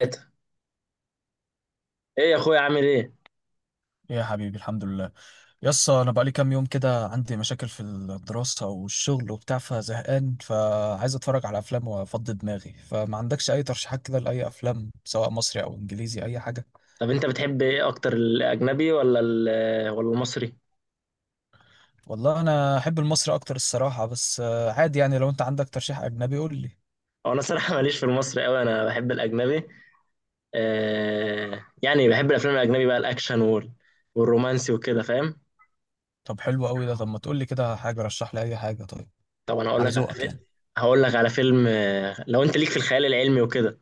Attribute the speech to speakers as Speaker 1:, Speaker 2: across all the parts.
Speaker 1: ثلاثة. ايه يا اخويا، عامل ايه؟
Speaker 2: يا حبيبي، الحمد لله. يس، انا بقالي كام يوم كده عندي مشاكل في الدراسة والشغل وبتاع، فزهقان، فعايز اتفرج على افلام وافضي دماغي، فما عندكش اي ترشيحات كده لاي افلام سواء مصري او انجليزي اي حاجة؟
Speaker 1: طب انت بتحب ايه اكتر، الاجنبي ولا المصري؟
Speaker 2: والله انا احب المصري اكتر الصراحة، بس عادي يعني، لو انت عندك ترشيح اجنبي قول لي.
Speaker 1: هو انا الصراحه ماليش في المصري قوي، انا بحب الاجنبي. آه يعني بحب الافلام الاجنبي بقى، الاكشن والرومانسي وكده، فاهم؟
Speaker 2: طب حلو قوي ده. طب ما تقول لي كده حاجة، رشح لي اي حاجة طيب.
Speaker 1: طب انا هقول
Speaker 2: على
Speaker 1: لك على
Speaker 2: ذوقك
Speaker 1: فيلم.
Speaker 2: يعني.
Speaker 1: لو انت ليك في الخيال العلمي وكده،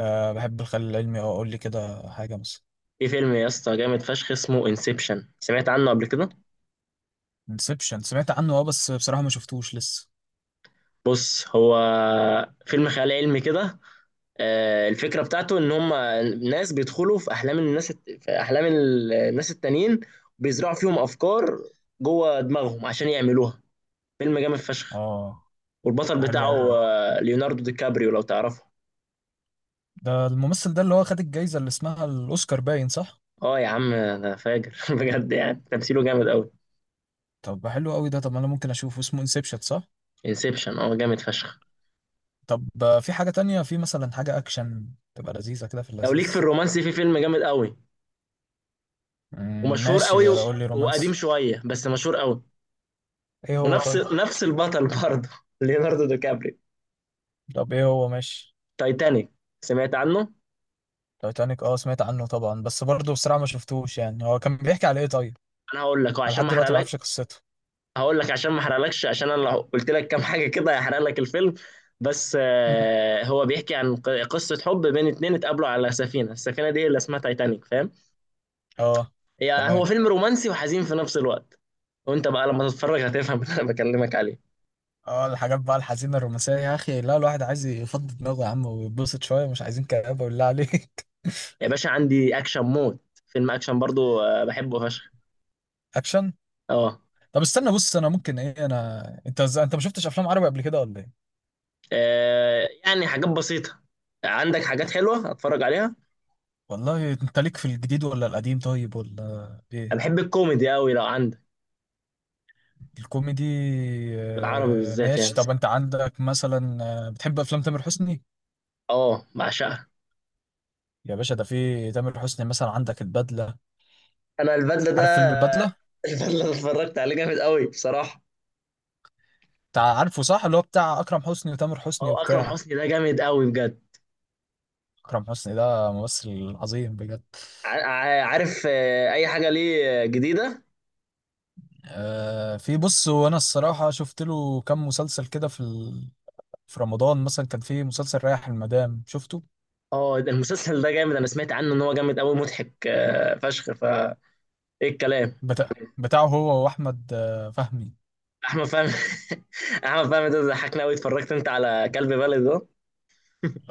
Speaker 2: أه، بحب الخيال العلمي. اه، قول لي كده حاجة مثلا.
Speaker 1: في فيلم يا اسطى جامد فشخ اسمه انسبشن، سمعت عنه قبل كده؟
Speaker 2: انسبشن؟ سمعت عنه اه، بس بصراحة ما شفتوش لسه.
Speaker 1: بص، هو فيلم خيال علمي كده. الفكرة بتاعته إن هم ناس بيدخلوا في أحلام الناس، في أحلام الناس التانيين، بيزرعوا فيهم أفكار جوه دماغهم عشان يعملوها. فيلم جامد فشخ.
Speaker 2: اه،
Speaker 1: والبطل
Speaker 2: ده حلو
Speaker 1: بتاعه
Speaker 2: قوي ده.
Speaker 1: ليوناردو دي كابريو، لو تعرفه.
Speaker 2: ده الممثل ده اللي هو خد الجايزة اللي اسمها الأوسكار باين، صح؟
Speaker 1: اه يا عم انا فاجر بجد، يعني تمثيله جامد قوي.
Speaker 2: طب حلو قوي ده. طب أنا ممكن أشوفه، اسمه انسبشن صح؟
Speaker 1: انسبشن، اه جامد فشخ.
Speaker 2: طب في حاجة تانية، في مثلا حاجة أكشن تبقى لذيذة كده، في
Speaker 1: لو ليك في
Speaker 2: اللذيذ؟
Speaker 1: الرومانسي، في فيلم جامد قوي
Speaker 2: مم،
Speaker 1: ومشهور قوي
Speaker 2: ماشي قول لي
Speaker 1: وقديم
Speaker 2: رومانسي.
Speaker 1: شوية بس مشهور قوي.
Speaker 2: إيه هو
Speaker 1: ونفس
Speaker 2: طيب؟
Speaker 1: نفس البطل برضه ليوناردو دي كابريو.
Speaker 2: طب إيه هو ماشي؟
Speaker 1: تايتانيك، سمعت عنه.
Speaker 2: تايتانيك، أه سمعت عنه طبعا، بس برضه بصراحة ما شفتوش يعني. هو كان بيحكي على إيه طيب؟
Speaker 1: انا هقول لك
Speaker 2: أنا
Speaker 1: عشان
Speaker 2: لحد
Speaker 1: ما
Speaker 2: دلوقتي ما
Speaker 1: احرقلكش.
Speaker 2: أعرفش قصته.
Speaker 1: هقول لك عشان ما احرقلكش، عشان انا لو قلت لك كام حاجه كده هيحرق لك الفيلم. بس
Speaker 2: مم.
Speaker 1: هو بيحكي عن قصه حب بين اتنين اتقابلوا على السفينه دي اللي اسمها تايتانيك، فاهم؟
Speaker 2: أه.
Speaker 1: هو
Speaker 2: تمام.
Speaker 1: فيلم رومانسي وحزين في نفس الوقت. وانت بقى لما تتفرج هتفهم اللي انا بكلمك عليه.
Speaker 2: اه الحاجات بقى الحزينة الرومانسية يا أخي، لا، الواحد عايز يفضي دماغه يا عم ويتبسط شوية، مش عايزين كآبة بالله عليك.
Speaker 1: يا باشا عندي اكشن موت. فيلم اكشن برضو، بحبه فشخ.
Speaker 2: أكشن.
Speaker 1: اه.
Speaker 2: طب استنى، بص انا ممكن ايه، انا انت انت ما شفتش افلام عربي قبل كده ولا ايه؟
Speaker 1: يعني حاجات بسيطه، عندك حاجات حلوه اتفرج عليها.
Speaker 2: والله انت ليك في الجديد ولا القديم طيب ولا
Speaker 1: انا
Speaker 2: ايه؟
Speaker 1: بحب الكوميدي قوي لو عندك.
Speaker 2: الكوميدي.
Speaker 1: بالعربي بالذات يعني.
Speaker 2: ماشي. طب انت عندك مثلا، بتحب افلام تامر حسني؟
Speaker 1: اه بعشقها.
Speaker 2: يا باشا، ده في تامر حسني مثلا عندك البدلة.
Speaker 1: انا البدله ده،
Speaker 2: عارف فيلم البدلة؟
Speaker 1: البدله اللي اتفرجت عليه جامد قوي بصراحه.
Speaker 2: بتاع، عارفه صح، اللي هو بتاع اكرم حسني وتامر حسني
Speaker 1: هو اكرم
Speaker 2: وبتاع.
Speaker 1: حسني ده جامد قوي بجد.
Speaker 2: اكرم حسني ده ممثل عظيم بجد.
Speaker 1: عارف اي حاجه ليه جديده؟
Speaker 2: في بص، وانا الصراحة شفت له كام مسلسل كده في رمضان مثلا كان في مسلسل رايح المدام، شفته؟
Speaker 1: اه ده المسلسل ده جامد، انا سمعت عنه ان هو جامد قوي، مضحك فشخ، ايه الكلام.
Speaker 2: بتاع، بتاعه هو واحمد فهمي.
Speaker 1: احمد فهمي. احمد فهمي ده ضحكنا قوي. اتفرجت انت على كلب بلد ده؟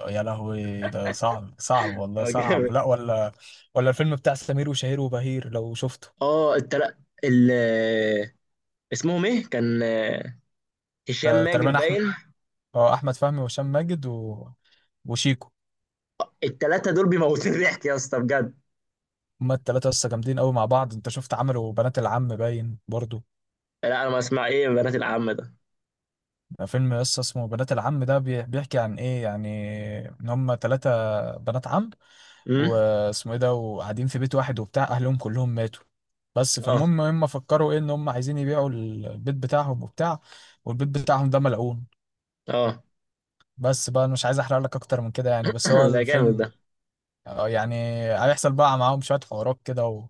Speaker 2: يا لهوي، ده صعب صعب والله،
Speaker 1: هو
Speaker 2: صعب
Speaker 1: جامد.
Speaker 2: لا ولا. ولا الفيلم بتاع سمير وشهير وبهير لو شفته.
Speaker 1: اه، التل... ال اسمهم ايه كان؟ هشام ماجد
Speaker 2: تقريبا احمد،
Speaker 1: باين.
Speaker 2: احمد فهمي وهشام ماجد وشيكو.
Speaker 1: التلاتة دول بيموتوا ضحك يا اسطى بجد.
Speaker 2: هما التلاتة لسه جامدين قوي مع بعض. انت شفت عملوا بنات العم باين برضو؟
Speaker 1: لا انا ما اسمع، ايه بنات العم ده؟
Speaker 2: ده فيلم لسه اسمه بنات العم، ده بيحكي عن ايه يعني، ان هما تلاتة بنات عم،
Speaker 1: امم.
Speaker 2: واسمه ايه ده، وقاعدين في بيت واحد وبتاع، اهلهم كلهم ماتوا. بس
Speaker 1: اه،
Speaker 2: فالمهم هم فكروا ايه، ان هم عايزين يبيعوا البيت بتاعهم وبتاع. والبيت بتاعهم ده ملعون.
Speaker 1: اه.
Speaker 2: بس بقى أنا مش عايز احرق لك اكتر من كده يعني، بس هو
Speaker 1: ده جامد
Speaker 2: الفيلم
Speaker 1: ده.
Speaker 2: يعني هيحصل بقى معاهم شوية حوارات كده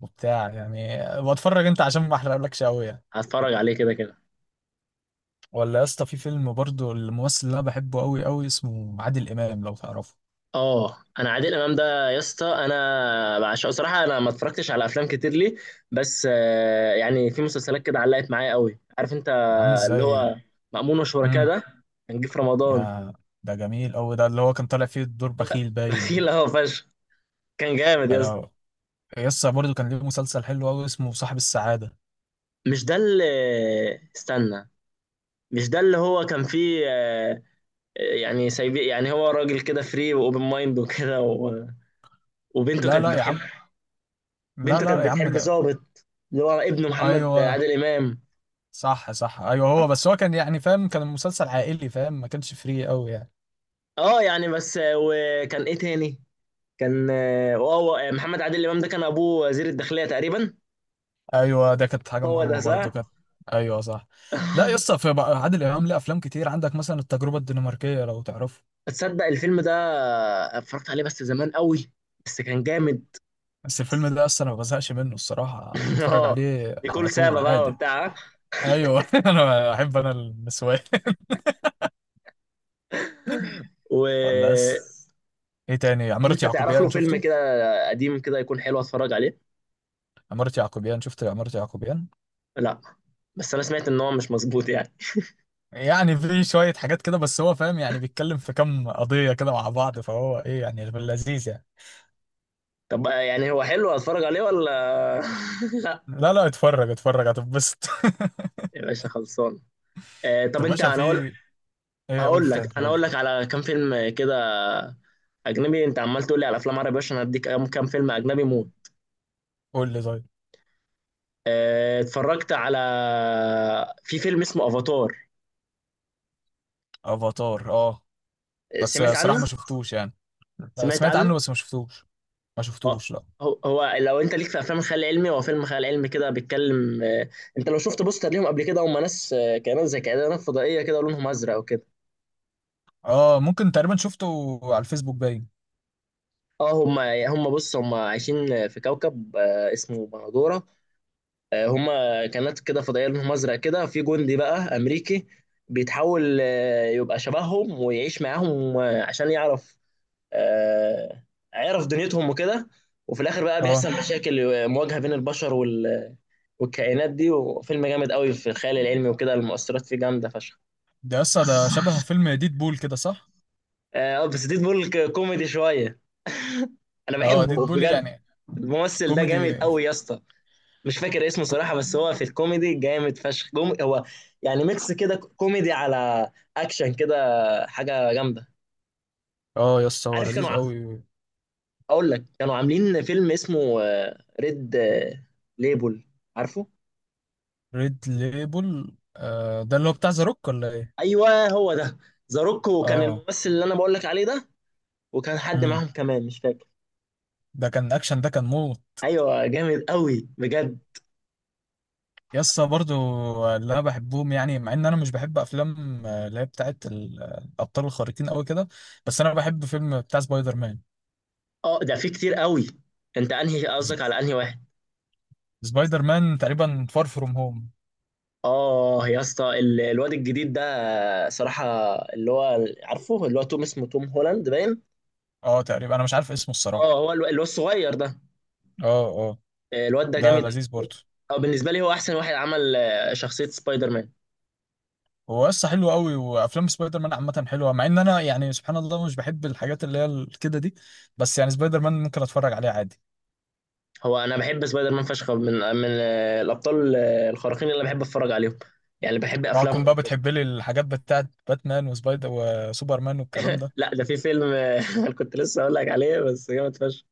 Speaker 2: وبتاع يعني، بتفرج انت، عشان ما احرقلكش قوي يعني.
Speaker 1: هتفرج عليه كده كده.
Speaker 2: ولا يا اسطى، في فيلم برضو الممثل اللي انا بحبه قوي قوي اسمه عادل امام لو تعرفه.
Speaker 1: اه انا عادل امام ده يا اسطى انا بعشقه صراحه، انا ما اتفرجتش على افلام كتير ليه، بس يعني في مسلسلات كده علقت معايا قوي، عارف انت.
Speaker 2: يا عم
Speaker 1: اللي هو
Speaker 2: ازاي.
Speaker 1: مأمون وشركاه
Speaker 2: امم
Speaker 1: ده، كان جه في رمضان.
Speaker 2: يا ده جميل قوي ده، اللي هو كان طالع فيه دور بخيل
Speaker 1: بخيل
Speaker 2: باين.
Speaker 1: اهو فشخ، كان جامد يا
Speaker 2: يعني
Speaker 1: اسطى.
Speaker 2: يسا برضه كان ليه مسلسل حلو قوي اسمه صاحب السعادة.
Speaker 1: مش ده اللي استنى مش ده اللي هو كان فيه، يعني سايب، يعني هو راجل كده فري واوبن مايند وكده وبنته
Speaker 2: لا
Speaker 1: كانت
Speaker 2: لا يا
Speaker 1: بتحب،
Speaker 2: عم، لا
Speaker 1: بنته
Speaker 2: لا
Speaker 1: كانت
Speaker 2: يا عم
Speaker 1: بتحب
Speaker 2: ده.
Speaker 1: ظابط، اللي هو ابن محمد
Speaker 2: ايوه
Speaker 1: عادل امام.
Speaker 2: صح صح، ايوه هو، بس هو كان يعني فاهم، كان مسلسل عائلي فاهم، ما كانش فري قوي يعني.
Speaker 1: اه يعني بس، وكان ايه تاني؟ كان اه هو محمد عادل امام ده كان ابوه وزير الداخليه تقريبا.
Speaker 2: ايوه، ده كانت حاجة
Speaker 1: هو ده
Speaker 2: مهمة برضه كانت.
Speaker 1: صح.
Speaker 2: ايوه صح. لا يسا في بقى عادل امام ليه افلام كتير عندك مثلا التجربة الدنماركية لو تعرفه.
Speaker 1: تصدق الفيلم ده اتفرجت عليه بس زمان قوي، بس كان جامد.
Speaker 2: بس الفيلم ده اصلا انا ما بزهقش منه الصراحة، اتفرج
Speaker 1: اه،
Speaker 2: عليه
Speaker 1: نيكول
Speaker 2: على طول
Speaker 1: سابا بقى
Speaker 2: عادي.
Speaker 1: وبتاع
Speaker 2: ايوه انا احب انا النسوان.
Speaker 1: و
Speaker 2: ولا بس. ايه تاني،
Speaker 1: طب
Speaker 2: عمارة
Speaker 1: انت تعرف له
Speaker 2: يعقوبيان
Speaker 1: فيلم
Speaker 2: شفته؟
Speaker 1: كده قديم كده يكون حلو اتفرج عليه؟
Speaker 2: عمارة يعقوبيان، شفت عمارة يعقوبيان؟
Speaker 1: لا، بس انا سمعت ان هو مش مظبوط يعني.
Speaker 2: يعني في شوية حاجات كده بس هو فاهم، يعني بيتكلم في كام قضية كده مع بعض، فهو ايه يعني في اللذيذ يعني.
Speaker 1: طب يعني هو حلو اتفرج عليه ولا لا؟
Speaker 2: لا لا اتفرج اتفرج، هتتبسط.
Speaker 1: يا باشا خلصان. آه، طب
Speaker 2: طب
Speaker 1: انت
Speaker 2: باشا، في
Speaker 1: انا هقول
Speaker 2: ايه؟ قول
Speaker 1: هقول
Speaker 2: تاني
Speaker 1: لك انا هقول
Speaker 2: قول.
Speaker 1: لك على كام فيلم كده اجنبي. انت عمال تقول لي على افلام عربي، عشان اديك كام فيلم اجنبي موت.
Speaker 2: قول لي طيب.
Speaker 1: آه، اتفرجت على في فيلم اسمه افاتار،
Speaker 2: افاتار، اه، بس
Speaker 1: سمعت
Speaker 2: صراحة
Speaker 1: عنه.
Speaker 2: ما شفتوش يعني.
Speaker 1: سمعت
Speaker 2: سمعت عنه
Speaker 1: عنه.
Speaker 2: بس ما شفتوش، ما
Speaker 1: اه
Speaker 2: شفتوش لا.
Speaker 1: هو لو انت ليك في افلام الخيال العلمي، هو فيلم خيال علمي كده بيتكلم. انت لو شفت بوستر ليهم قبل كده، هم ناس، كائنات زي كائنات فضائيه كده، لونهم ازرق وكده.
Speaker 2: اه ممكن تقريبا شفته على الفيسبوك باين.
Speaker 1: اه هم هم بص، هم عايشين في كوكب اسمه بندوره. هما كانت كده فضائيه لهم ازرق كده. في جندي بقى امريكي بيتحول يبقى شبههم ويعيش معاهم، عشان يعرف، آه، يعرف دنيتهم وكده. وفي الاخر بقى
Speaker 2: اه،
Speaker 1: بيحصل مشاكل، مواجهه بين البشر والكائنات دي. وفيلم جامد قوي في الخيال العلمي وكده، المؤثرات فيه جامده فشخ.
Speaker 2: ده لسه ده شبه فيلم ديد بول كده صح؟
Speaker 1: اه بس ديد بول كوميدي شويه، انا
Speaker 2: اه ديد
Speaker 1: بحبه
Speaker 2: بول،
Speaker 1: بجد.
Speaker 2: يعني
Speaker 1: الممثل ده جامد
Speaker 2: كوميدي.
Speaker 1: قوي يا اسطى، مش فاكر اسمه
Speaker 2: كو-
Speaker 1: صراحة، بس هو في الكوميدي جامد فشخ، هو يعني ميكس كده، كوميدي على اكشن كده، حاجة جامدة.
Speaker 2: اه يس هو
Speaker 1: عارف كانوا،
Speaker 2: لذيذ قوي.
Speaker 1: اقول لك كانوا عاملين فيلم اسمه ريد ليبل، عارفه؟
Speaker 2: ريد ليبل، آه ده اللي هو بتاع ذا روك ولا ايه؟
Speaker 1: ايوه هو ده، زاروك، وكان
Speaker 2: اه.
Speaker 1: الممثل اللي انا بقول لك عليه ده، وكان حد
Speaker 2: امم.
Speaker 1: معاهم كمان مش فاكر.
Speaker 2: ده كان اكشن، ده كان موت.
Speaker 1: ايوه جامد قوي بجد.
Speaker 2: يسا برضو اللي انا بحبهم، يعني مع ان انا مش بحب افلام اللي هي بتاعت الابطال الخارقين قوي كده، بس انا بحب فيلم بتاع سبايدر مان.
Speaker 1: اه ده في كتير قوي، انت انهي
Speaker 2: س-
Speaker 1: قصدك، على انهي واحد؟
Speaker 2: سبايدر مان تقريبا فار فروم هوم.
Speaker 1: اه يا اسطى الواد الجديد ده صراحة، اللي هو عارفه، اللي هو توم، اسمه توم هولاند باين.
Speaker 2: اه تقريبا انا مش عارف اسمه
Speaker 1: اه
Speaker 2: الصراحة.
Speaker 1: هو اللي هو الصغير ده.
Speaker 2: اه اه.
Speaker 1: الواد ده
Speaker 2: ده
Speaker 1: جامد قوي.
Speaker 2: لذيذ برضو.
Speaker 1: اه بالنسبة لي هو احسن واحد عمل شخصية سبايدر مان.
Speaker 2: هو قصة حلو قوي، وافلام سبايدر مان عامة حلوة مع ان انا يعني سبحان الله مش بحب الحاجات اللي هي كده دي، بس يعني سبايدر مان ممكن اتفرج عليه عادي.
Speaker 1: هو انا بحب سبايدر مان فشخ، من الابطال الخارقين اللي بحب اتفرج عليهم، يعني بحب
Speaker 2: اوعكم
Speaker 1: افلامهم
Speaker 2: بقى
Speaker 1: وكده.
Speaker 2: بتحب لي الحاجات بتاعت باتمان وسبايدر وسوبرمان والكلام ده.
Speaker 1: لا ده في فيلم، انا كنت لسه اقول لك عليه بس جامد فشخ.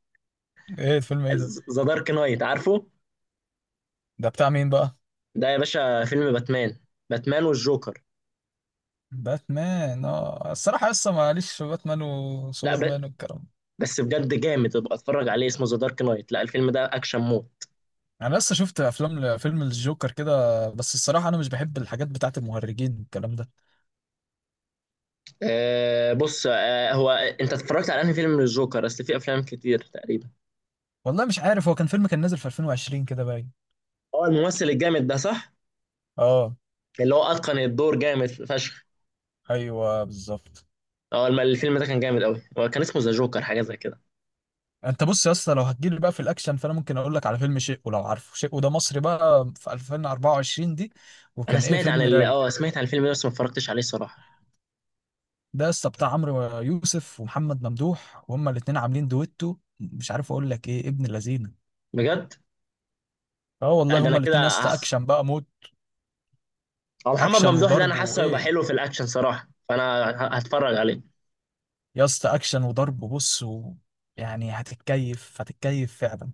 Speaker 2: ايه الفيلم، ايه ده؟
Speaker 1: ذا دارك نايت، عارفه؟
Speaker 2: ده بتاع مين بقى؟
Speaker 1: ده يا باشا فيلم باتمان، باتمان والجوكر.
Speaker 2: باتمان، اه الصراحه لسه ماليش في باتمان
Speaker 1: لا ب...
Speaker 2: وسوبرمان والكلام ده.
Speaker 1: بس بجد جامد، ابقى اتفرج عليه، اسمه ذا دارك نايت، لا الفيلم ده اكشن مود.
Speaker 2: انا لسه شفت افلام، فيلم الجوكر كده، بس الصراحه انا مش بحب الحاجات بتاعت المهرجين والكلام ده.
Speaker 1: أه بص، هو انت اتفرجت على انهي فيلم للجوكر؟ اصل في افلام كتير تقريبا.
Speaker 2: والله مش عارف، هو كان فيلم كان نازل في 2020 كده باين.
Speaker 1: هو الممثل الجامد ده صح،
Speaker 2: اه.
Speaker 1: اللي هو اتقن الدور جامد فشخ.
Speaker 2: ايوه بالظبط.
Speaker 1: اه الفيلم ده كان جامد قوي، هو كان اسمه ذا جوكر حاجه زي كده.
Speaker 2: انت بص يا اسطى، لو هتجيلي بقى في الاكشن فانا ممكن اقول لك على فيلم شيء، ولو عارفه شيء، وده مصري بقى في 2024 دي،
Speaker 1: انا
Speaker 2: وكان ايه
Speaker 1: سمعت عن
Speaker 2: فيلم رايق.
Speaker 1: اه سمعت عن الفيلم ده بس ما اتفرجتش عليه صراحه.
Speaker 2: ده قصة بتاع عمرو يوسف ومحمد ممدوح، وهما الاتنين عاملين دويتو مش عارف اقول لك ايه، ابن لذينه.
Speaker 1: بجد.
Speaker 2: اه
Speaker 1: لا
Speaker 2: والله
Speaker 1: ده انا
Speaker 2: هما
Speaker 1: كده،
Speaker 2: الاتنين يا اسطى اكشن بقى موت.
Speaker 1: هو محمد
Speaker 2: اكشن
Speaker 1: ممدوح ده انا
Speaker 2: وضرب
Speaker 1: حاسه هيبقى
Speaker 2: وايه.
Speaker 1: حلو في الاكشن صراحه، فانا هتفرج عليه.
Speaker 2: يا اسطى اكشن وضرب، بص يعني هتتكيف، هتتكيف فعلا.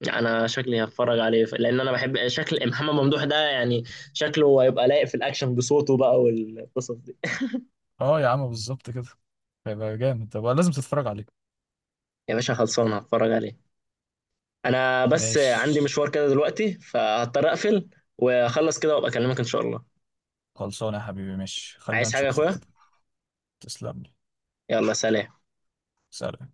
Speaker 1: يعني انا شكلي هتفرج عليه، لان انا بحب شكل محمد ممدوح ده يعني، شكله هيبقى لايق في الاكشن بصوته بقى والقصص دي.
Speaker 2: اه يا عم بالظبط كده. هيبقى جامد، طب لازم تتفرج عليه.
Speaker 1: يا باشا خلصان هتفرج عليه. انا بس
Speaker 2: ماشي.
Speaker 1: عندي مشوار كده دلوقتي فهضطر اقفل، واخلص كده وابقى اكلمك ان شاء الله.
Speaker 2: خلصانه يا حبيبي، ماشي خلينا
Speaker 1: عايز حاجة يا
Speaker 2: نشوفك
Speaker 1: اخويا؟
Speaker 2: كده. تسلم لي.
Speaker 1: يلا سلام.
Speaker 2: سلام.